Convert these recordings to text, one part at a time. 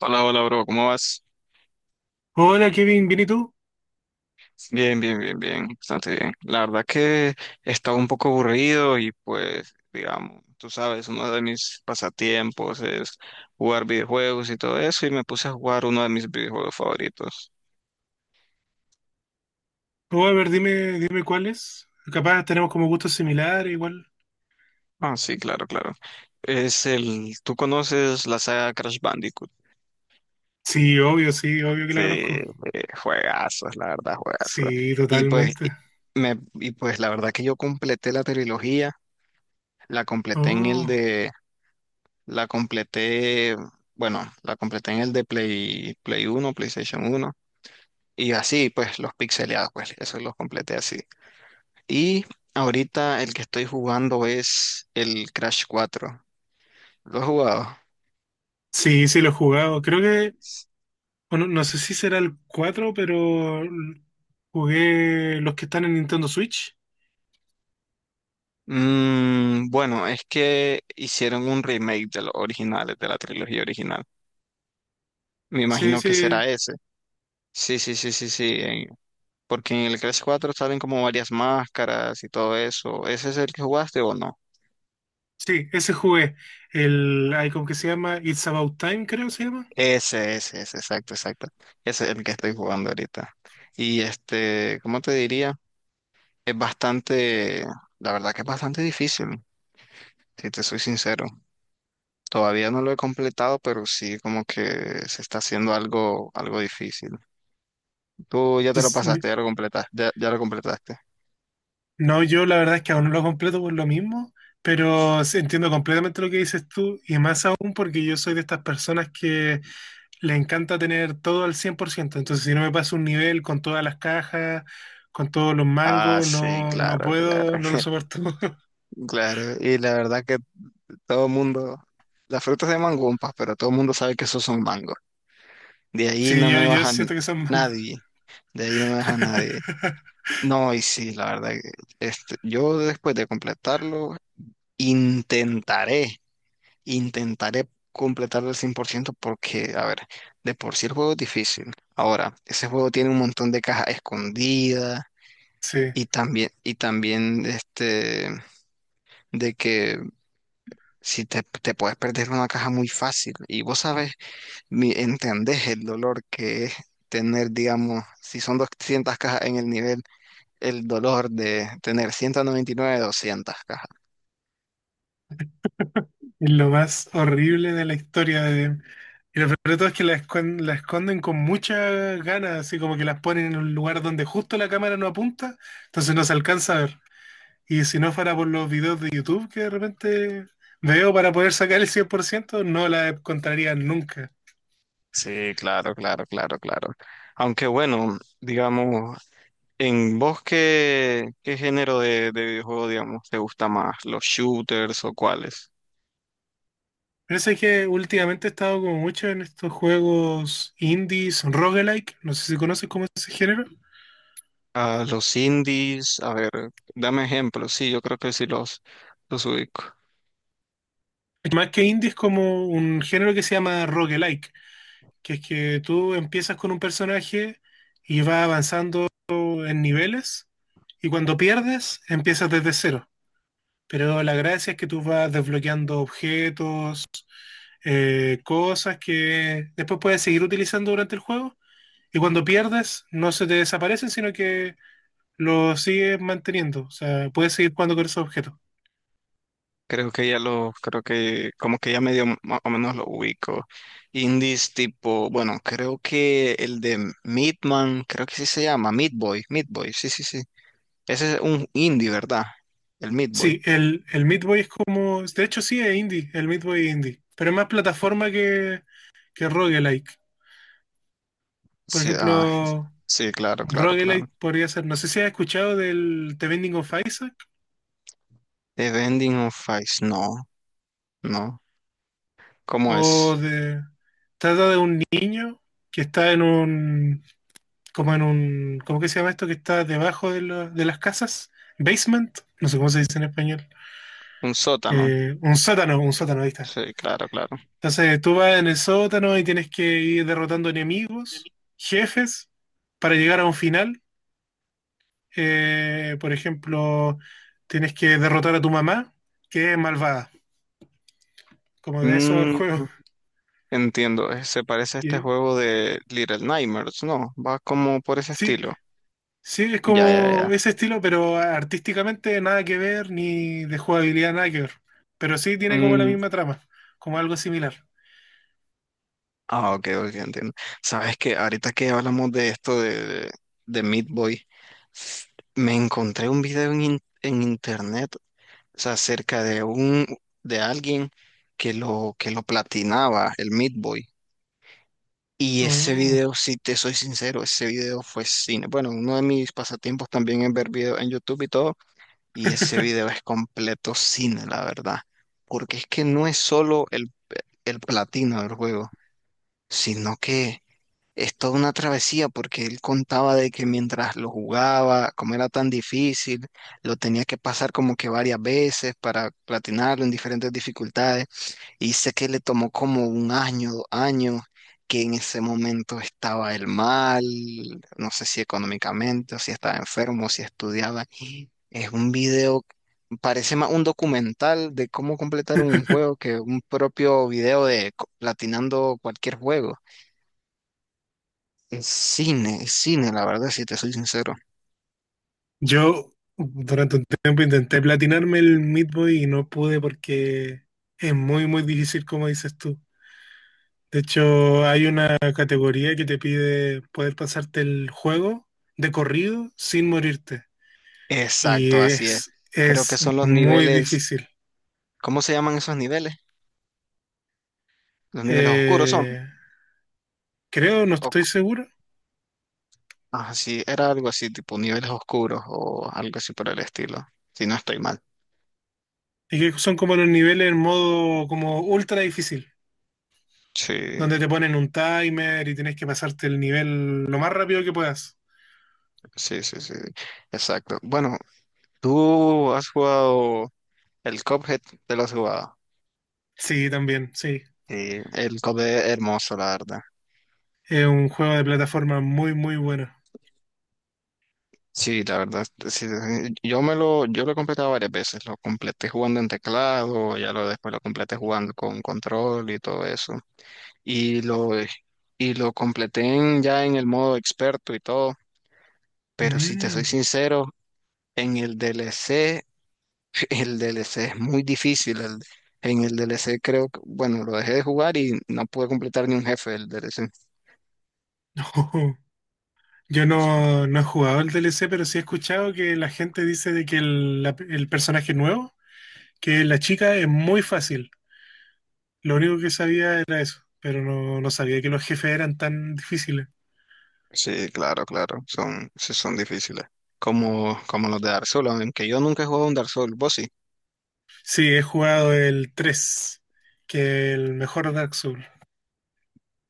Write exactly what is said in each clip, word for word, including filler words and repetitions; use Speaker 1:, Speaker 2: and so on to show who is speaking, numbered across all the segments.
Speaker 1: Hola, hola, bro, ¿cómo vas?
Speaker 2: Hola Kevin, ¿bien y tú?
Speaker 1: Bien, bien, bien, bien, bastante bien. La verdad que estaba un poco aburrido y pues, digamos, tú sabes, uno de mis pasatiempos es jugar videojuegos y todo eso, y me puse a jugar uno de mis videojuegos favoritos.
Speaker 2: Oh, a ver, dime, dime cuáles. Capaz tenemos como gustos similares, igual.
Speaker 1: Ah, sí, claro, claro. Es el, ¿tú conoces la saga Crash Bandicoot?
Speaker 2: Sí, obvio, sí, obvio que
Speaker 1: Sí,
Speaker 2: la conozco.
Speaker 1: eh, juegazos, la verdad, juegazos.
Speaker 2: Sí,
Speaker 1: Y pues, y,
Speaker 2: totalmente.
Speaker 1: me, y pues la verdad que yo completé la trilogía, la completé en el
Speaker 2: Oh,
Speaker 1: de La completé, bueno, la completé en el de Play, Play uno, PlayStation uno. Y así, pues, los pixeleados, pues, eso los completé así. Y ahorita el que estoy jugando es el Crash cuatro. ¿Lo has jugado?
Speaker 2: sí, sí, lo he jugado. Creo que, bueno, no sé si será el cuatro, pero l- jugué los que están en Nintendo Switch.
Speaker 1: Mm, bueno, es que hicieron un remake de los originales, de la trilogía original. Me
Speaker 2: Sí,
Speaker 1: imagino que
Speaker 2: sí,
Speaker 1: será ese. Sí, sí, sí, sí, sí, en- porque en el Crash cuatro salen como varias máscaras y todo eso. ¿Ese es el que jugaste o no?
Speaker 2: sí, ese jugué. El, hay como que se llama It's About Time, creo que se llama.
Speaker 1: Ese, ese, ese, exacto, exacto. Ese es el que estoy jugando ahorita. Y este, ¿cómo te diría? Es bastante, la verdad que es bastante difícil, si te soy sincero. Todavía no lo he completado, pero sí como que se está haciendo algo, algo difícil. Tú ya te
Speaker 2: Sí,
Speaker 1: lo
Speaker 2: sí.
Speaker 1: pasaste, ya lo completaste, ya, ya lo completaste.
Speaker 2: No, yo la verdad es que aún no lo completo por lo mismo, pero sí entiendo completamente lo que dices tú y más aún porque yo soy de estas personas que le encanta tener todo al cien por ciento. Entonces si no me paso un nivel con todas las cajas, con todos los
Speaker 1: Ah,
Speaker 2: mangos,
Speaker 1: sí,
Speaker 2: no, no
Speaker 1: claro, claro.
Speaker 2: puedo, no lo soporto.
Speaker 1: Claro, y la verdad que todo el mundo, las frutas se llaman gumpas, pero todo el mundo sabe que esos son mangos. De ahí
Speaker 2: Sí,
Speaker 1: no
Speaker 2: yo,
Speaker 1: me
Speaker 2: yo
Speaker 1: baja n-
Speaker 2: siento que son mangos.
Speaker 1: nadie. De ahí no me baja nadie. No, y sí, la verdad que, este, yo después de completarlo, intentaré, intentaré completarlo al cien por ciento, porque, a ver, de por sí el juego es difícil. Ahora, ese juego tiene un montón de cajas escondidas,
Speaker 2: Sí, es
Speaker 1: y también, y también, este, de que si te, te puedes perder una caja muy fácil. Y vos sabes, mi- ¿entendés el dolor que es tener, digamos, si son doscientas cajas en el nivel, el dolor de tener ciento noventa y nueve doscientas cajas?
Speaker 2: lo más horrible de la historia de. Y lo peor de todo es que la esconden, la esconden con muchas ganas, así como que las ponen en un lugar donde justo la cámara no apunta, entonces no se alcanza a ver. Y si no fuera por los videos de YouTube que de repente veo para poder sacar el cien por ciento no la encontraría nunca.
Speaker 1: Sí, claro, claro, claro, claro. Aunque bueno, digamos, ¿en vos qué, qué género de, de videojuego, digamos, te gusta más, los shooters o cuáles?
Speaker 2: Pero eso es que últimamente he estado como mucho en estos juegos indies, roguelike, no sé si conoces como ese género.
Speaker 1: Ah, los indies, a ver, dame ejemplos, sí, yo creo que sí los, los ubico.
Speaker 2: Más que indie es como un género que se llama roguelike, que es que tú empiezas con un personaje y va avanzando en niveles y cuando pierdes empiezas desde cero. Pero la gracia es que tú vas desbloqueando objetos, eh, cosas que después puedes seguir utilizando durante el juego y cuando pierdes no se te desaparecen, sino que los sigues manteniendo. O sea, puedes seguir jugando con esos objetos.
Speaker 1: Creo que ya lo, creo que como que ya medio más o menos lo ubico. Indies tipo, bueno, creo que el de Midman, creo que sí se llama, Meat Boy, Meat Boy, sí, sí, sí. Ese es un indie, ¿verdad? El Meat Boy.
Speaker 2: Sí, el, el Meat Boy es como... De hecho sí, es indie, el Meat Boy es indie. Pero es más plataforma que, que roguelike. Por
Speaker 1: Sí, ah,
Speaker 2: ejemplo,
Speaker 1: sí, claro, claro, claro.
Speaker 2: roguelike podría ser... No sé si has escuchado del The Binding of Isaac.
Speaker 1: The Bending of Ice, no, no. ¿Cómo
Speaker 2: O
Speaker 1: es?
Speaker 2: de Trata de un niño que está en un, como en un, ¿cómo que se llama esto? Que está debajo de, la- de las casas, basement, no sé cómo se dice en español.
Speaker 1: Un sótano.
Speaker 2: Eh, un sótano, un sótano, ahí está.
Speaker 1: Sí, claro, claro.
Speaker 2: Entonces tú vas en el sótano y tienes que ir derrotando enemigos, jefes, para llegar a un final. Eh, por ejemplo, tienes que derrotar a tu mamá, que es malvada, como de eso el
Speaker 1: Mm,
Speaker 2: juego.
Speaker 1: entiendo, eh, se parece a este
Speaker 2: Y-
Speaker 1: juego de Little Nightmares, ¿no? Va como por ese
Speaker 2: Sí,
Speaker 1: estilo.
Speaker 2: sí, es
Speaker 1: Ya, ya,
Speaker 2: como
Speaker 1: ya.
Speaker 2: ese estilo, pero artísticamente nada que ver, ni de jugabilidad nada que ver. Pero sí tiene como la
Speaker 1: Mm,
Speaker 2: misma trama, como algo similar.
Speaker 1: ah, ok, ok, entiendo. Sabes que ahorita que hablamos de esto de, de Meat Boy, s- me encontré un video en, in- en internet, o sea, acerca de un de alguien, que lo que lo platinaba, el Meat Boy. Y ese
Speaker 2: Oh.
Speaker 1: video, si te soy sincero, ese video fue cine. Bueno, uno de mis pasatiempos también es ver videos en YouTube y todo, y ese video es completo cine, la verdad. Porque es que no es solo el, el platino del juego, sino que es toda una travesía porque él contaba de que mientras lo jugaba, como era tan difícil, lo tenía que pasar como que varias veces para platinarlo en diferentes dificultades. Y sé que le tomó como un año, dos años, que en ese momento estaba él mal, no sé si económicamente, o si estaba enfermo, o si estudiaba. Es un video, parece más un documental de cómo completar un juego que un propio video de co- platinando cualquier juego. Es cine, es cine, la verdad, si te soy sincero.
Speaker 2: Yo durante un tiempo intenté platinarme el Meat Boy y no pude porque es muy, muy difícil, como dices tú. De hecho, hay una categoría que te pide poder pasarte el juego de corrido sin morirte. Y
Speaker 1: Exacto, así es.
Speaker 2: es,
Speaker 1: Creo que
Speaker 2: es
Speaker 1: son los
Speaker 2: muy
Speaker 1: niveles,
Speaker 2: difícil.
Speaker 1: ¿cómo se llaman esos niveles? Los niveles oscuros son.
Speaker 2: Eh, Creo, no
Speaker 1: O,
Speaker 2: estoy seguro.
Speaker 1: ah, sí, era algo así, tipo niveles oscuros o algo así por el estilo, si no estoy mal.
Speaker 2: Y que son como los niveles en modo como ultra difícil,
Speaker 1: Sí,
Speaker 2: donde te ponen un timer y tienes que pasarte el nivel lo más rápido que puedas.
Speaker 1: sí, sí, sí, exacto. Bueno, ¿tú has jugado el Cuphead, te lo has jugado?
Speaker 2: Sí, también, sí.
Speaker 1: Sí, el Cuphead es hermoso, la verdad.
Speaker 2: Es un juego de plataforma muy, muy bueno.
Speaker 1: Sí, la verdad, sí, sí, yo me lo, yo lo he completado varias veces, lo completé jugando en teclado, ya lo después lo completé jugando con control y todo eso, y lo, y lo completé en- ya en el modo experto y todo, pero si te soy
Speaker 2: Mm.
Speaker 1: sincero, en el D L C, el D L C es muy difícil, el- en el D L C creo que, bueno, lo dejé de jugar y no pude completar ni un jefe del D L C.
Speaker 2: Yo no, no he jugado el D L C, pero sí he escuchado que la gente dice de que el, la- el personaje nuevo, que la chica es muy fácil. Lo único que sabía era eso, pero no, no sabía que los jefes eran tan difíciles.
Speaker 1: Sí, claro, claro, son, sí son difíciles, como, como los de Dark Souls, aunque yo nunca he jugado un Dark Souls, ¿vos sí?
Speaker 2: Sí, he jugado el tres que es el mejor Dark Souls.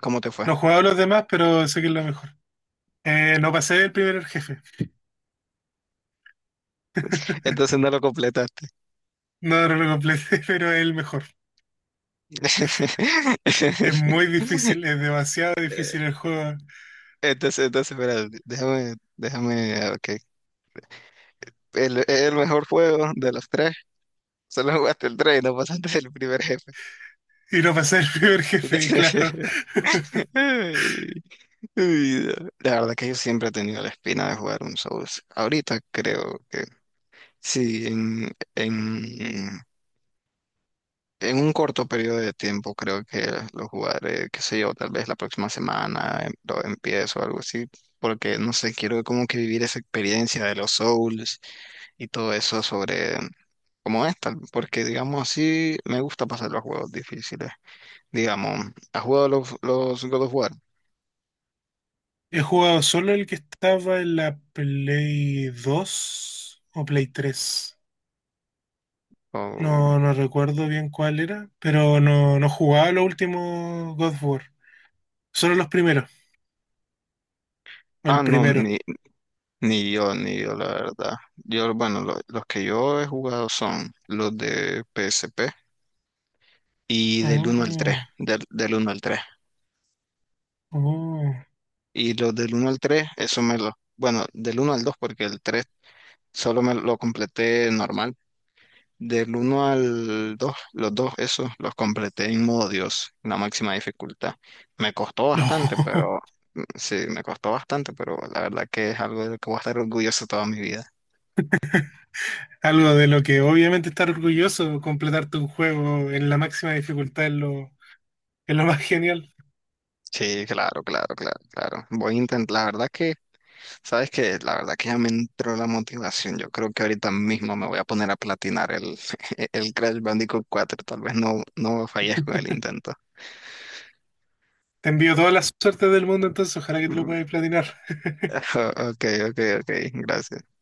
Speaker 1: ¿Cómo te fue?
Speaker 2: No he jugado los demás, pero sé que es lo mejor. Eh, no pasé el primer jefe.
Speaker 1: Entonces no lo completaste.
Speaker 2: No, no lo completé, pero es el mejor. Es muy difícil, es demasiado difícil el juego.
Speaker 1: Entonces, entonces, espera, déjame, déjame, ah, ok. El, el mejor juego de los tres. Solo jugaste el tres y no pasaste el primer jefe.
Speaker 2: Y no pasé el primer jefe, claro.
Speaker 1: Ay, ay, la verdad que yo siempre he tenido la espina de jugar un Souls. Ahorita creo que sí, en, en En un corto periodo de tiempo creo que lo jugaré, qué sé yo, tal vez la próxima semana em- lo empiezo o algo así, porque no sé, quiero como que vivir esa experiencia de los Souls y todo eso sobre cómo es tal, porque digamos así me gusta pasar los juegos difíciles. Digamos, ¿has jugado los, los God of War?
Speaker 2: He jugado solo el que estaba en la Play dos o Play tres.
Speaker 1: O-
Speaker 2: No, no recuerdo bien cuál era, pero no, no jugaba los últimos God of War. Solo los primeros, o
Speaker 1: ah,
Speaker 2: el
Speaker 1: no,
Speaker 2: primero.
Speaker 1: ni, ni yo, ni yo, la verdad. Yo, bueno, lo- los que yo he jugado son los de P S P, y del uno al tres,
Speaker 2: Oh,
Speaker 1: del, del uno al tres.
Speaker 2: oh,
Speaker 1: Y los del uno al tres, eso me lo... Bueno, del uno al dos porque el tres solo me lo completé normal. Del uno al dos, los dos, esos los completé en modo Dios, en la máxima dificultad. Me costó
Speaker 2: no.
Speaker 1: bastante, pero... Mm, sí, me costó bastante, pero la verdad que es algo de lo que voy a estar orgulloso toda mi vida.
Speaker 2: Algo de lo que obviamente estar orgulloso, completarte un juego en la máxima dificultad es lo, es lo, más genial.
Speaker 1: Sí, claro, claro, claro, claro. Voy a intentar, la verdad que sabes que la verdad que ya me entró la motivación. Yo creo que ahorita mismo me voy a poner a platinar el, el Crash Bandicoot cuatro. Tal vez no, no fallezco en el intento.
Speaker 2: Te envío toda la suerte del mundo, entonces ojalá que te lo
Speaker 1: Mm.
Speaker 2: puedas platinar.
Speaker 1: Ok, ok, ok. Gracias.